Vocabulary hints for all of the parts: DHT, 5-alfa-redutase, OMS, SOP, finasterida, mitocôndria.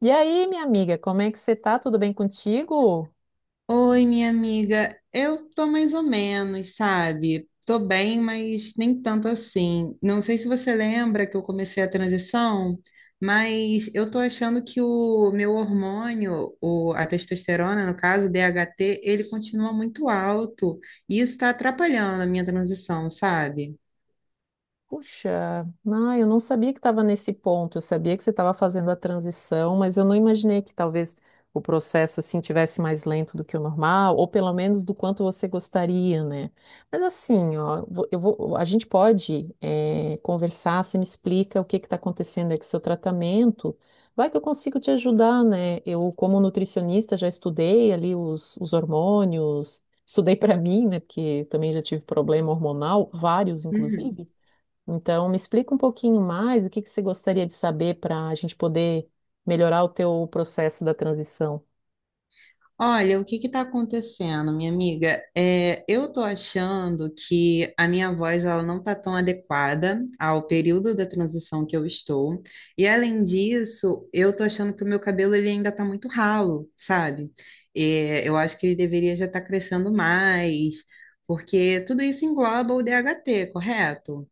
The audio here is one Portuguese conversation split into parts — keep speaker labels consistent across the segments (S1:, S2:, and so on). S1: E aí, minha amiga, como é que você tá? Tudo bem contigo?
S2: Oi, minha amiga. Eu tô mais ou menos, sabe? Tô bem, mas nem tanto assim. Não sei se você lembra que eu comecei a transição, mas eu tô achando que o meu hormônio, o, a testosterona, no caso, o DHT, ele continua muito alto e isso tá atrapalhando a minha transição, sabe?
S1: Puxa, eu não sabia que estava nesse ponto. Eu sabia que você estava fazendo a transição, mas eu não imaginei que talvez o processo assim tivesse mais lento do que o normal, ou pelo menos do quanto você gostaria, né? Mas assim, ó, a gente pode conversar. Você me explica o que está acontecendo aí com o seu tratamento. Vai que eu consigo te ajudar, né? Eu, como nutricionista, já estudei ali os hormônios. Estudei para mim, né? Porque também já tive problema hormonal, vários, inclusive. Então, me explica um pouquinho mais o que que você gostaria de saber para a gente poder melhorar o teu processo da transição.
S2: Olha, o que está acontecendo, minha amiga? É, eu tô achando que a minha voz ela não tá tão adequada ao período da transição que eu estou. E além disso, eu tô achando que o meu cabelo ele ainda tá muito ralo, sabe? É, eu acho que ele deveria já estar crescendo mais, porque tudo isso engloba o DHT, correto?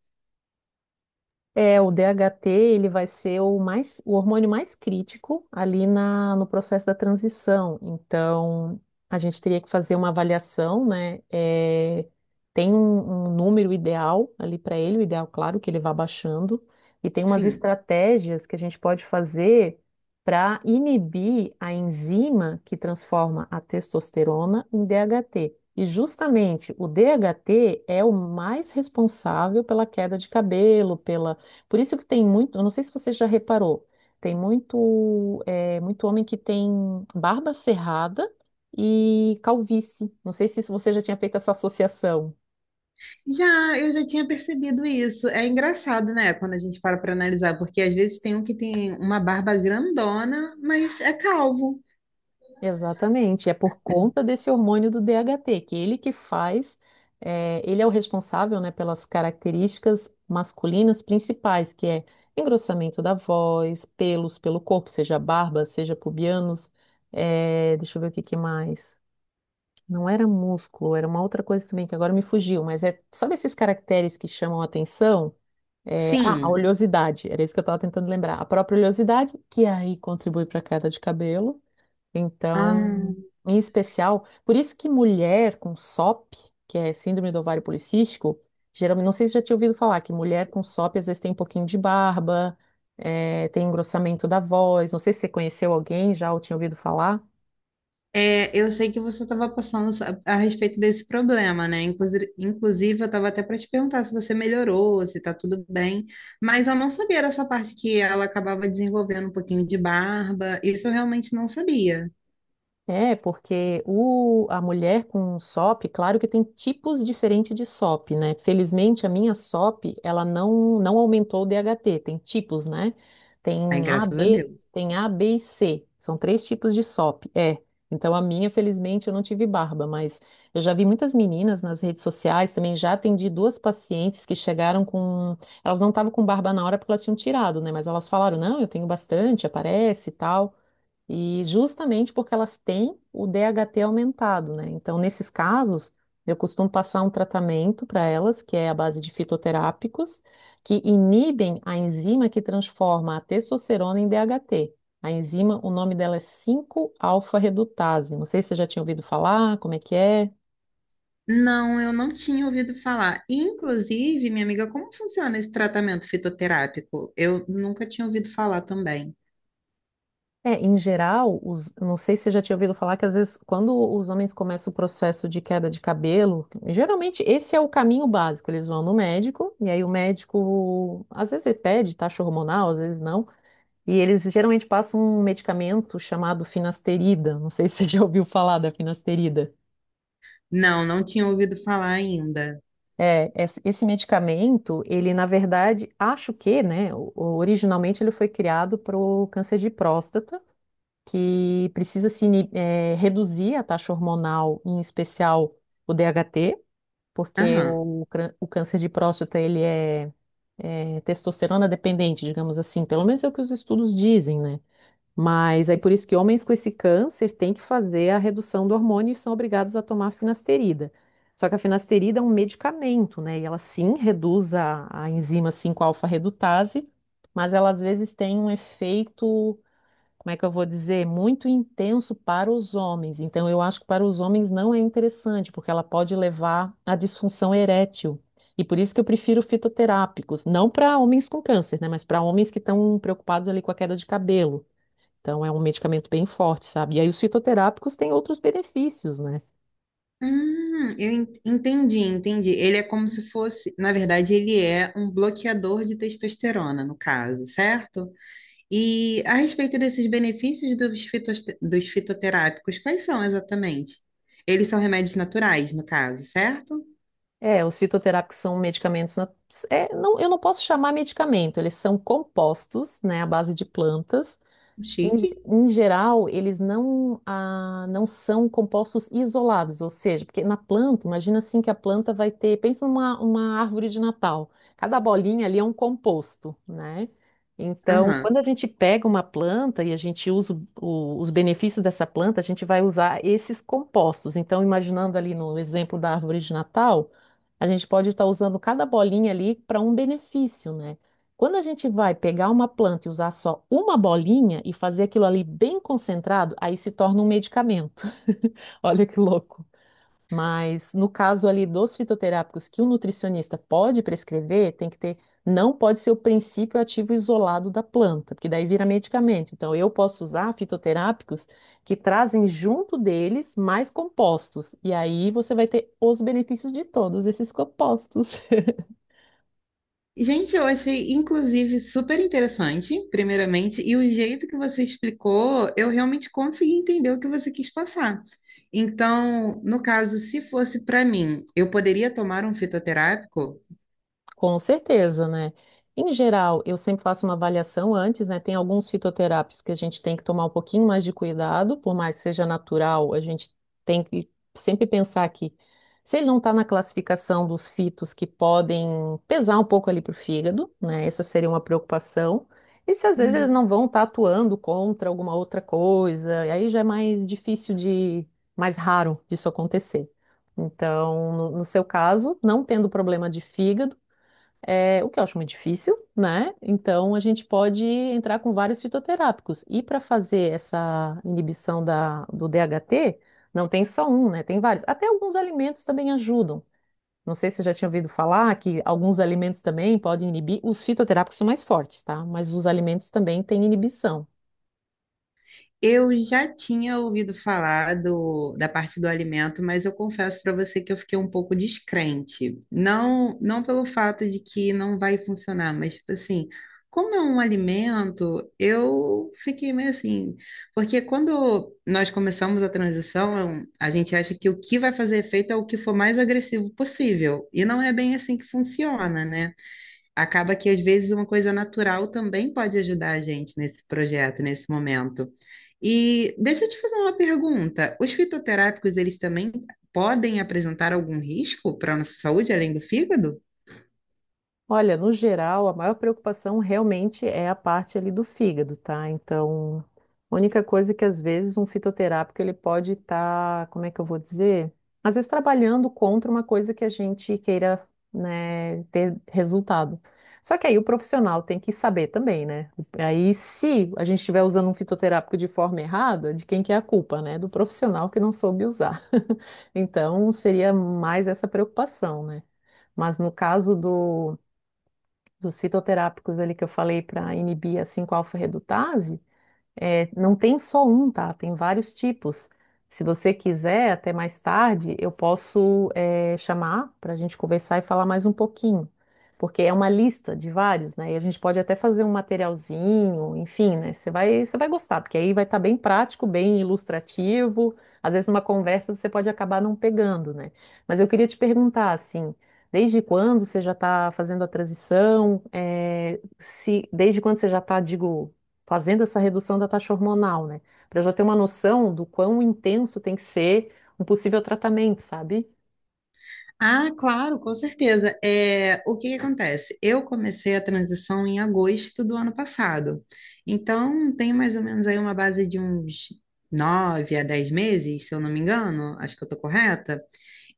S1: O DHT, ele vai ser o hormônio mais crítico ali no processo da transição. Então, a gente teria que fazer uma avaliação, né? É, tem um número ideal ali para ele, o ideal, claro, que ele vá baixando, e tem umas
S2: Sim.
S1: estratégias que a gente pode fazer para inibir a enzima que transforma a testosterona em DHT. E justamente o DHT é o mais responsável pela queda de cabelo, pela por isso que tem muito, eu não sei se você já reparou, tem muito, muito homem que tem barba cerrada e calvície. Não sei se isso você já tinha feito essa associação.
S2: Já, eu já tinha percebido isso. É engraçado, né, quando a gente para para analisar, porque às vezes tem um que tem uma barba grandona, mas é calvo.
S1: Exatamente, é por conta desse hormônio do DHT, que ele que faz, é, ele é o responsável, né, pelas características masculinas principais, que é engrossamento da voz, pelos pelo corpo, seja barba, seja pubianos, é, deixa eu ver o que que mais. Não era músculo, era uma outra coisa também que agora me fugiu, mas é, sabe esses caracteres que chamam a atenção? A
S2: Sim.
S1: oleosidade, era isso que eu estava tentando lembrar. A própria oleosidade, que aí contribui para a queda de cabelo.
S2: Ah,
S1: Então, em especial, por isso que mulher com SOP, que é síndrome do ovário policístico, geralmente, não sei se já tinha ouvido falar, que mulher com SOP às vezes tem um pouquinho de barba, é, tem engrossamento da voz. Não sei se você conheceu alguém já ou tinha ouvido falar.
S2: é, eu sei que você estava a respeito desse problema, né? Inclusive, eu estava até para te perguntar se você melhorou, se está tudo bem, mas eu não sabia dessa parte que ela acabava desenvolvendo um pouquinho de barba. Isso eu realmente não sabia.
S1: É, porque a mulher com SOP, claro que tem tipos diferentes de SOP, né? Felizmente, a minha SOP, ela não aumentou o DHT, tem tipos, né? Tem
S2: Ai, graças a Deus.
S1: Tem A, B e C, são três tipos de SOP, é. Então, a minha, felizmente, eu não tive barba, mas eu já vi muitas meninas nas redes sociais, também já atendi duas pacientes que chegaram com... Elas não estavam com barba na hora porque elas tinham tirado, né? Mas elas falaram, não, eu tenho bastante, aparece e tal. E justamente porque elas têm o DHT aumentado, né? Então, nesses casos, eu costumo passar um tratamento para elas, que é a base de fitoterápicos, que inibem a enzima que transforma a testosterona em DHT. A enzima, o nome dela é cinco alfa redutase. Não sei se você já tinha ouvido falar, como é que é?
S2: Não, eu não tinha ouvido falar. Inclusive, minha amiga, como funciona esse tratamento fitoterápico? Eu nunca tinha ouvido falar também.
S1: É, em geral, eu não sei se você já tinha ouvido falar que às vezes quando os homens começam o processo de queda de cabelo, geralmente esse é o caminho básico. Eles vão no médico e aí o médico às vezes ele pede taxa hormonal, às vezes não. E eles geralmente passam um medicamento chamado finasterida. Não sei se você já ouviu falar da finasterida.
S2: Não, não tinha ouvido falar ainda.
S1: É, esse medicamento, ele na verdade, acho que, né, originalmente ele foi criado para o câncer de próstata, que precisa se ini- eh, reduzir a taxa hormonal, em especial o DHT, porque
S2: Aham.
S1: o câncer de próstata ele é, é testosterona dependente, digamos assim, pelo menos é o que os estudos dizem, né? Mas é por isso que homens com esse câncer têm que fazer a redução do hormônio e são obrigados a tomar finasterida. Só que a finasterida é um medicamento, né? E ela sim reduz a enzima cinco alfa redutase, mas ela às vezes tem um efeito, como é que eu vou dizer? Muito intenso para os homens. Então, eu acho que para os homens não é interessante, porque ela pode levar à disfunção erétil. E por isso que eu prefiro fitoterápicos, não para homens com câncer, né? Mas para homens que estão preocupados ali com a queda de cabelo. Então, é um medicamento bem forte, sabe? E aí, os fitoterápicos têm outros benefícios, né?
S2: Eu entendi, entendi. Ele é como se fosse, na verdade, ele é um bloqueador de testosterona, no caso, certo? E a respeito desses benefícios dos dos fitoterápicos, quais são exatamente? Eles são remédios naturais, no caso, certo?
S1: É, os fitoterápicos são medicamentos. Eu não posso chamar medicamento, eles são compostos, né, à base de plantas. Em,
S2: Chique.
S1: em geral, eles não são compostos isolados, ou seja, porque na planta, imagina assim que a planta vai ter, pensa numa uma árvore de Natal, cada bolinha ali é um composto, né? Então,
S2: Aham.
S1: quando a gente pega uma planta e a gente usa os benefícios dessa planta, a gente vai usar esses compostos. Então, imaginando ali no exemplo da árvore de Natal, a gente pode estar usando cada bolinha ali para um benefício, né? Quando a gente vai pegar uma planta e usar só uma bolinha e fazer aquilo ali bem concentrado, aí se torna um medicamento. Olha que louco. Mas no caso ali dos fitoterápicos que o nutricionista pode prescrever, tem que ter, não pode ser o princípio ativo isolado da planta, porque daí vira medicamento. Então eu posso usar fitoterápicos que trazem junto deles mais compostos, e aí você vai ter os benefícios de todos esses compostos.
S2: Gente, eu achei inclusive super interessante, primeiramente, e o jeito que você explicou, eu realmente consegui entender o que você quis passar. Então, no caso, se fosse para mim, eu poderia tomar um fitoterápico?
S1: Com certeza, né? Em geral, eu sempre faço uma avaliação antes, né? Tem alguns fitoterápicos que a gente tem que tomar um pouquinho mais de cuidado, por mais que seja natural, a gente tem que sempre pensar que se ele não está na classificação dos fitos que podem pesar um pouco ali para o fígado, né? Essa seria uma preocupação. E se às vezes eles não vão estar atuando contra alguma outra coisa, e aí já é mais difícil de, mais raro disso acontecer. Então, no seu caso, não tendo problema de fígado, é, o que eu acho muito difícil, né? Então a gente pode entrar com vários fitoterápicos. E para fazer essa inibição do DHT, não tem só um, né? Tem vários. Até alguns alimentos também ajudam. Não sei se você já tinha ouvido falar que alguns alimentos também podem inibir. Os fitoterápicos são mais fortes, tá? Mas os alimentos também têm inibição.
S2: Eu já tinha ouvido falar da parte do alimento, mas eu confesso para você que eu fiquei um pouco descrente. Não, não pelo fato de que não vai funcionar, mas tipo assim, como é um alimento, eu fiquei meio assim, porque quando nós começamos a transição, a gente acha que o que vai fazer efeito é o que for mais agressivo possível, e não é bem assim que funciona, né? Acaba que às vezes uma coisa natural também pode ajudar a gente nesse projeto, nesse momento. E deixa eu te fazer uma pergunta. Os fitoterápicos, eles também podem apresentar algum risco para a nossa saúde, além do fígado?
S1: Olha, no geral, a maior preocupação realmente é a parte ali do fígado, tá? Então, a única coisa é que às vezes um fitoterápico ele pode estar, como é que eu vou dizer? Às vezes trabalhando contra uma coisa que a gente queira, né, ter resultado. Só que aí o profissional tem que saber também, né? Aí, se a gente estiver usando um fitoterápico de forma errada, de quem que é a culpa, né? Do profissional que não soube usar. Então, seria mais essa preocupação, né? Mas no caso do dos fitoterápicos ali que eu falei para inibir a 5-alfa-redutase, é, não tem só um, tá? Tem vários tipos. Se você quiser, até mais tarde, eu posso, é, chamar para a gente conversar e falar mais um pouquinho, porque é uma lista de vários, né? E a gente pode até fazer um materialzinho, enfim, né? Você vai gostar, porque aí vai estar bem prático, bem ilustrativo. Às vezes, numa conversa, você pode acabar não pegando, né? Mas eu queria te perguntar, assim. Desde quando você já está fazendo a transição? É, se, desde quando você já está, digo, fazendo essa redução da taxa hormonal, né? Para já ter uma noção do quão intenso tem que ser um possível tratamento, sabe?
S2: Ah, claro, com certeza. É, o que que acontece? Eu comecei a transição em agosto do ano passado. Então, tem mais ou menos aí uma base de uns nove a dez meses, se eu não me engano. Acho que eu estou correta.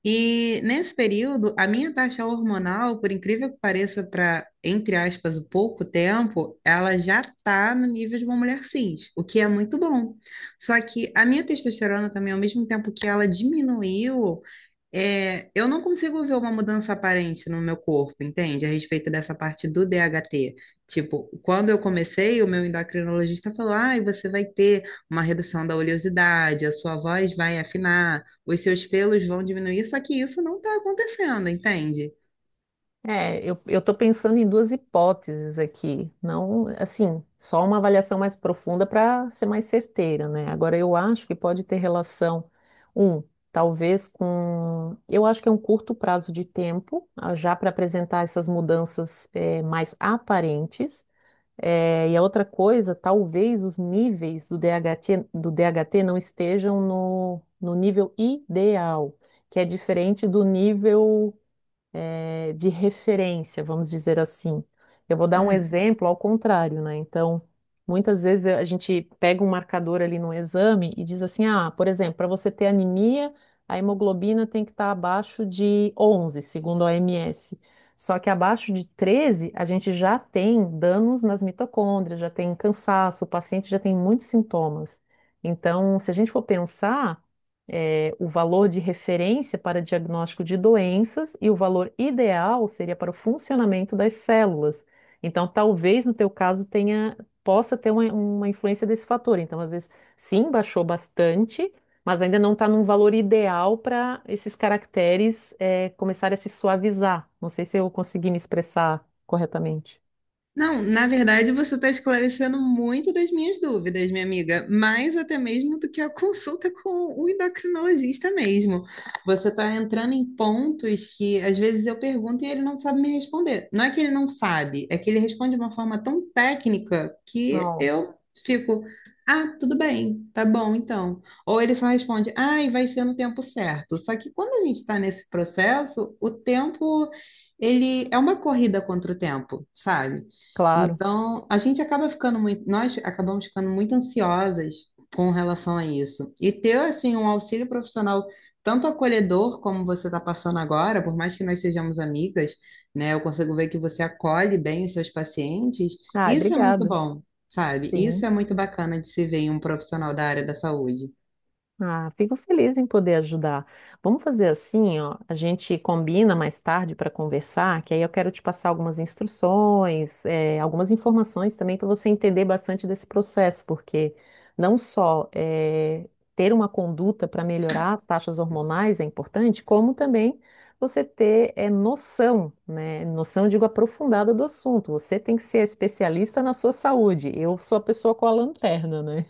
S2: E nesse período, a minha taxa hormonal, por incrível que pareça, para, entre aspas, o pouco tempo, ela já está no nível de uma mulher cis, o que é muito bom. Só que a minha testosterona também, ao mesmo tempo que ela diminuiu, é, eu não consigo ver uma mudança aparente no meu corpo, entende? A respeito dessa parte do DHT. Tipo, quando eu comecei, o meu endocrinologista falou: ai, você vai ter uma redução da oleosidade, a sua voz vai afinar, os seus pelos vão diminuir, só que isso não está acontecendo, entende?
S1: Eu tô pensando em duas hipóteses aqui, não, assim, só uma avaliação mais profunda para ser mais certeira, né? Agora, eu acho que pode ter relação, um, talvez com, eu acho que é um curto prazo de tempo, já para apresentar essas mudanças, mais aparentes. É, e a outra coisa, talvez os níveis do DHT, do DHT não estejam no nível ideal, que é diferente do nível de referência, vamos dizer assim. Eu vou dar um exemplo ao contrário, né? Então, muitas vezes a gente pega um marcador ali no exame e diz assim: ah, por exemplo, para você ter anemia, a hemoglobina tem que estar abaixo de 11, segundo a OMS. Só que abaixo de 13 a gente já tem danos nas mitocôndrias, já tem cansaço, o paciente já tem muitos sintomas. Então, se a gente for pensar. O valor de referência para diagnóstico de doenças e o valor ideal seria para o funcionamento das células. Então, talvez no teu caso tenha, possa ter uma influência desse fator. Então, às vezes, sim, baixou bastante, mas ainda não está num valor ideal para esses caracteres começarem a se suavizar. Não sei se eu consegui me expressar corretamente.
S2: Não, na verdade você está esclarecendo muito das minhas dúvidas, minha amiga, mais até mesmo do que a consulta com o endocrinologista mesmo. Você está entrando em pontos que às vezes eu pergunto e ele não sabe me responder. Não é que ele não sabe, é que ele responde de uma forma tão técnica que
S1: Não,
S2: eu fico, ah, tudo bem, tá bom então. Ou ele só responde, ai, vai ser no tempo certo. Só que quando a gente está nesse processo, o tempo, ele é uma corrida contra o tempo, sabe?
S1: Claro.
S2: Então, a gente acaba ficando muito, nós acabamos ficando muito ansiosas com relação a isso. E ter, assim, um auxílio profissional tanto acolhedor como você está passando agora, por mais que nós sejamos amigas, né, eu consigo ver que você acolhe bem os seus pacientes,
S1: Ah,
S2: isso é muito
S1: obrigada.
S2: bom, sabe?
S1: Sim.
S2: Isso é muito bacana de se ver em um profissional da área da saúde.
S1: Ah, fico feliz em poder ajudar. Vamos fazer assim, ó, a gente combina mais tarde para conversar, que aí eu quero te passar algumas instruções, algumas informações também para você entender bastante desse processo, porque não só ter uma conduta para melhorar as taxas hormonais é importante, como também você ter noção, né? Noção, eu digo, aprofundada do assunto. Você tem que ser especialista na sua saúde. Eu sou a pessoa com a lanterna, né?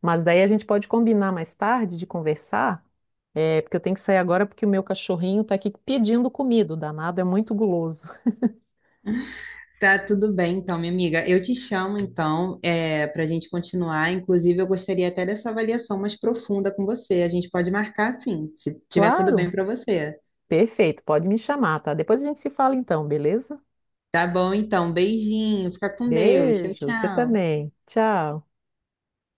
S1: Mas daí a gente pode combinar mais tarde de conversar, é, porque eu tenho que sair agora porque o meu cachorrinho está aqui pedindo comida, o danado é muito guloso.
S2: Tá tudo bem, então, minha amiga. Eu te chamo, então, para a gente continuar. Inclusive, eu gostaria até dessa avaliação mais profunda com você. A gente pode marcar, sim, se tiver tudo
S1: Claro,
S2: bem para você.
S1: perfeito, pode me chamar, tá? Depois a gente se fala então, beleza?
S2: Tá bom, então. Beijinho. Fica com Deus. Tchau,
S1: Beijo, você
S2: tchau.
S1: também. Tchau.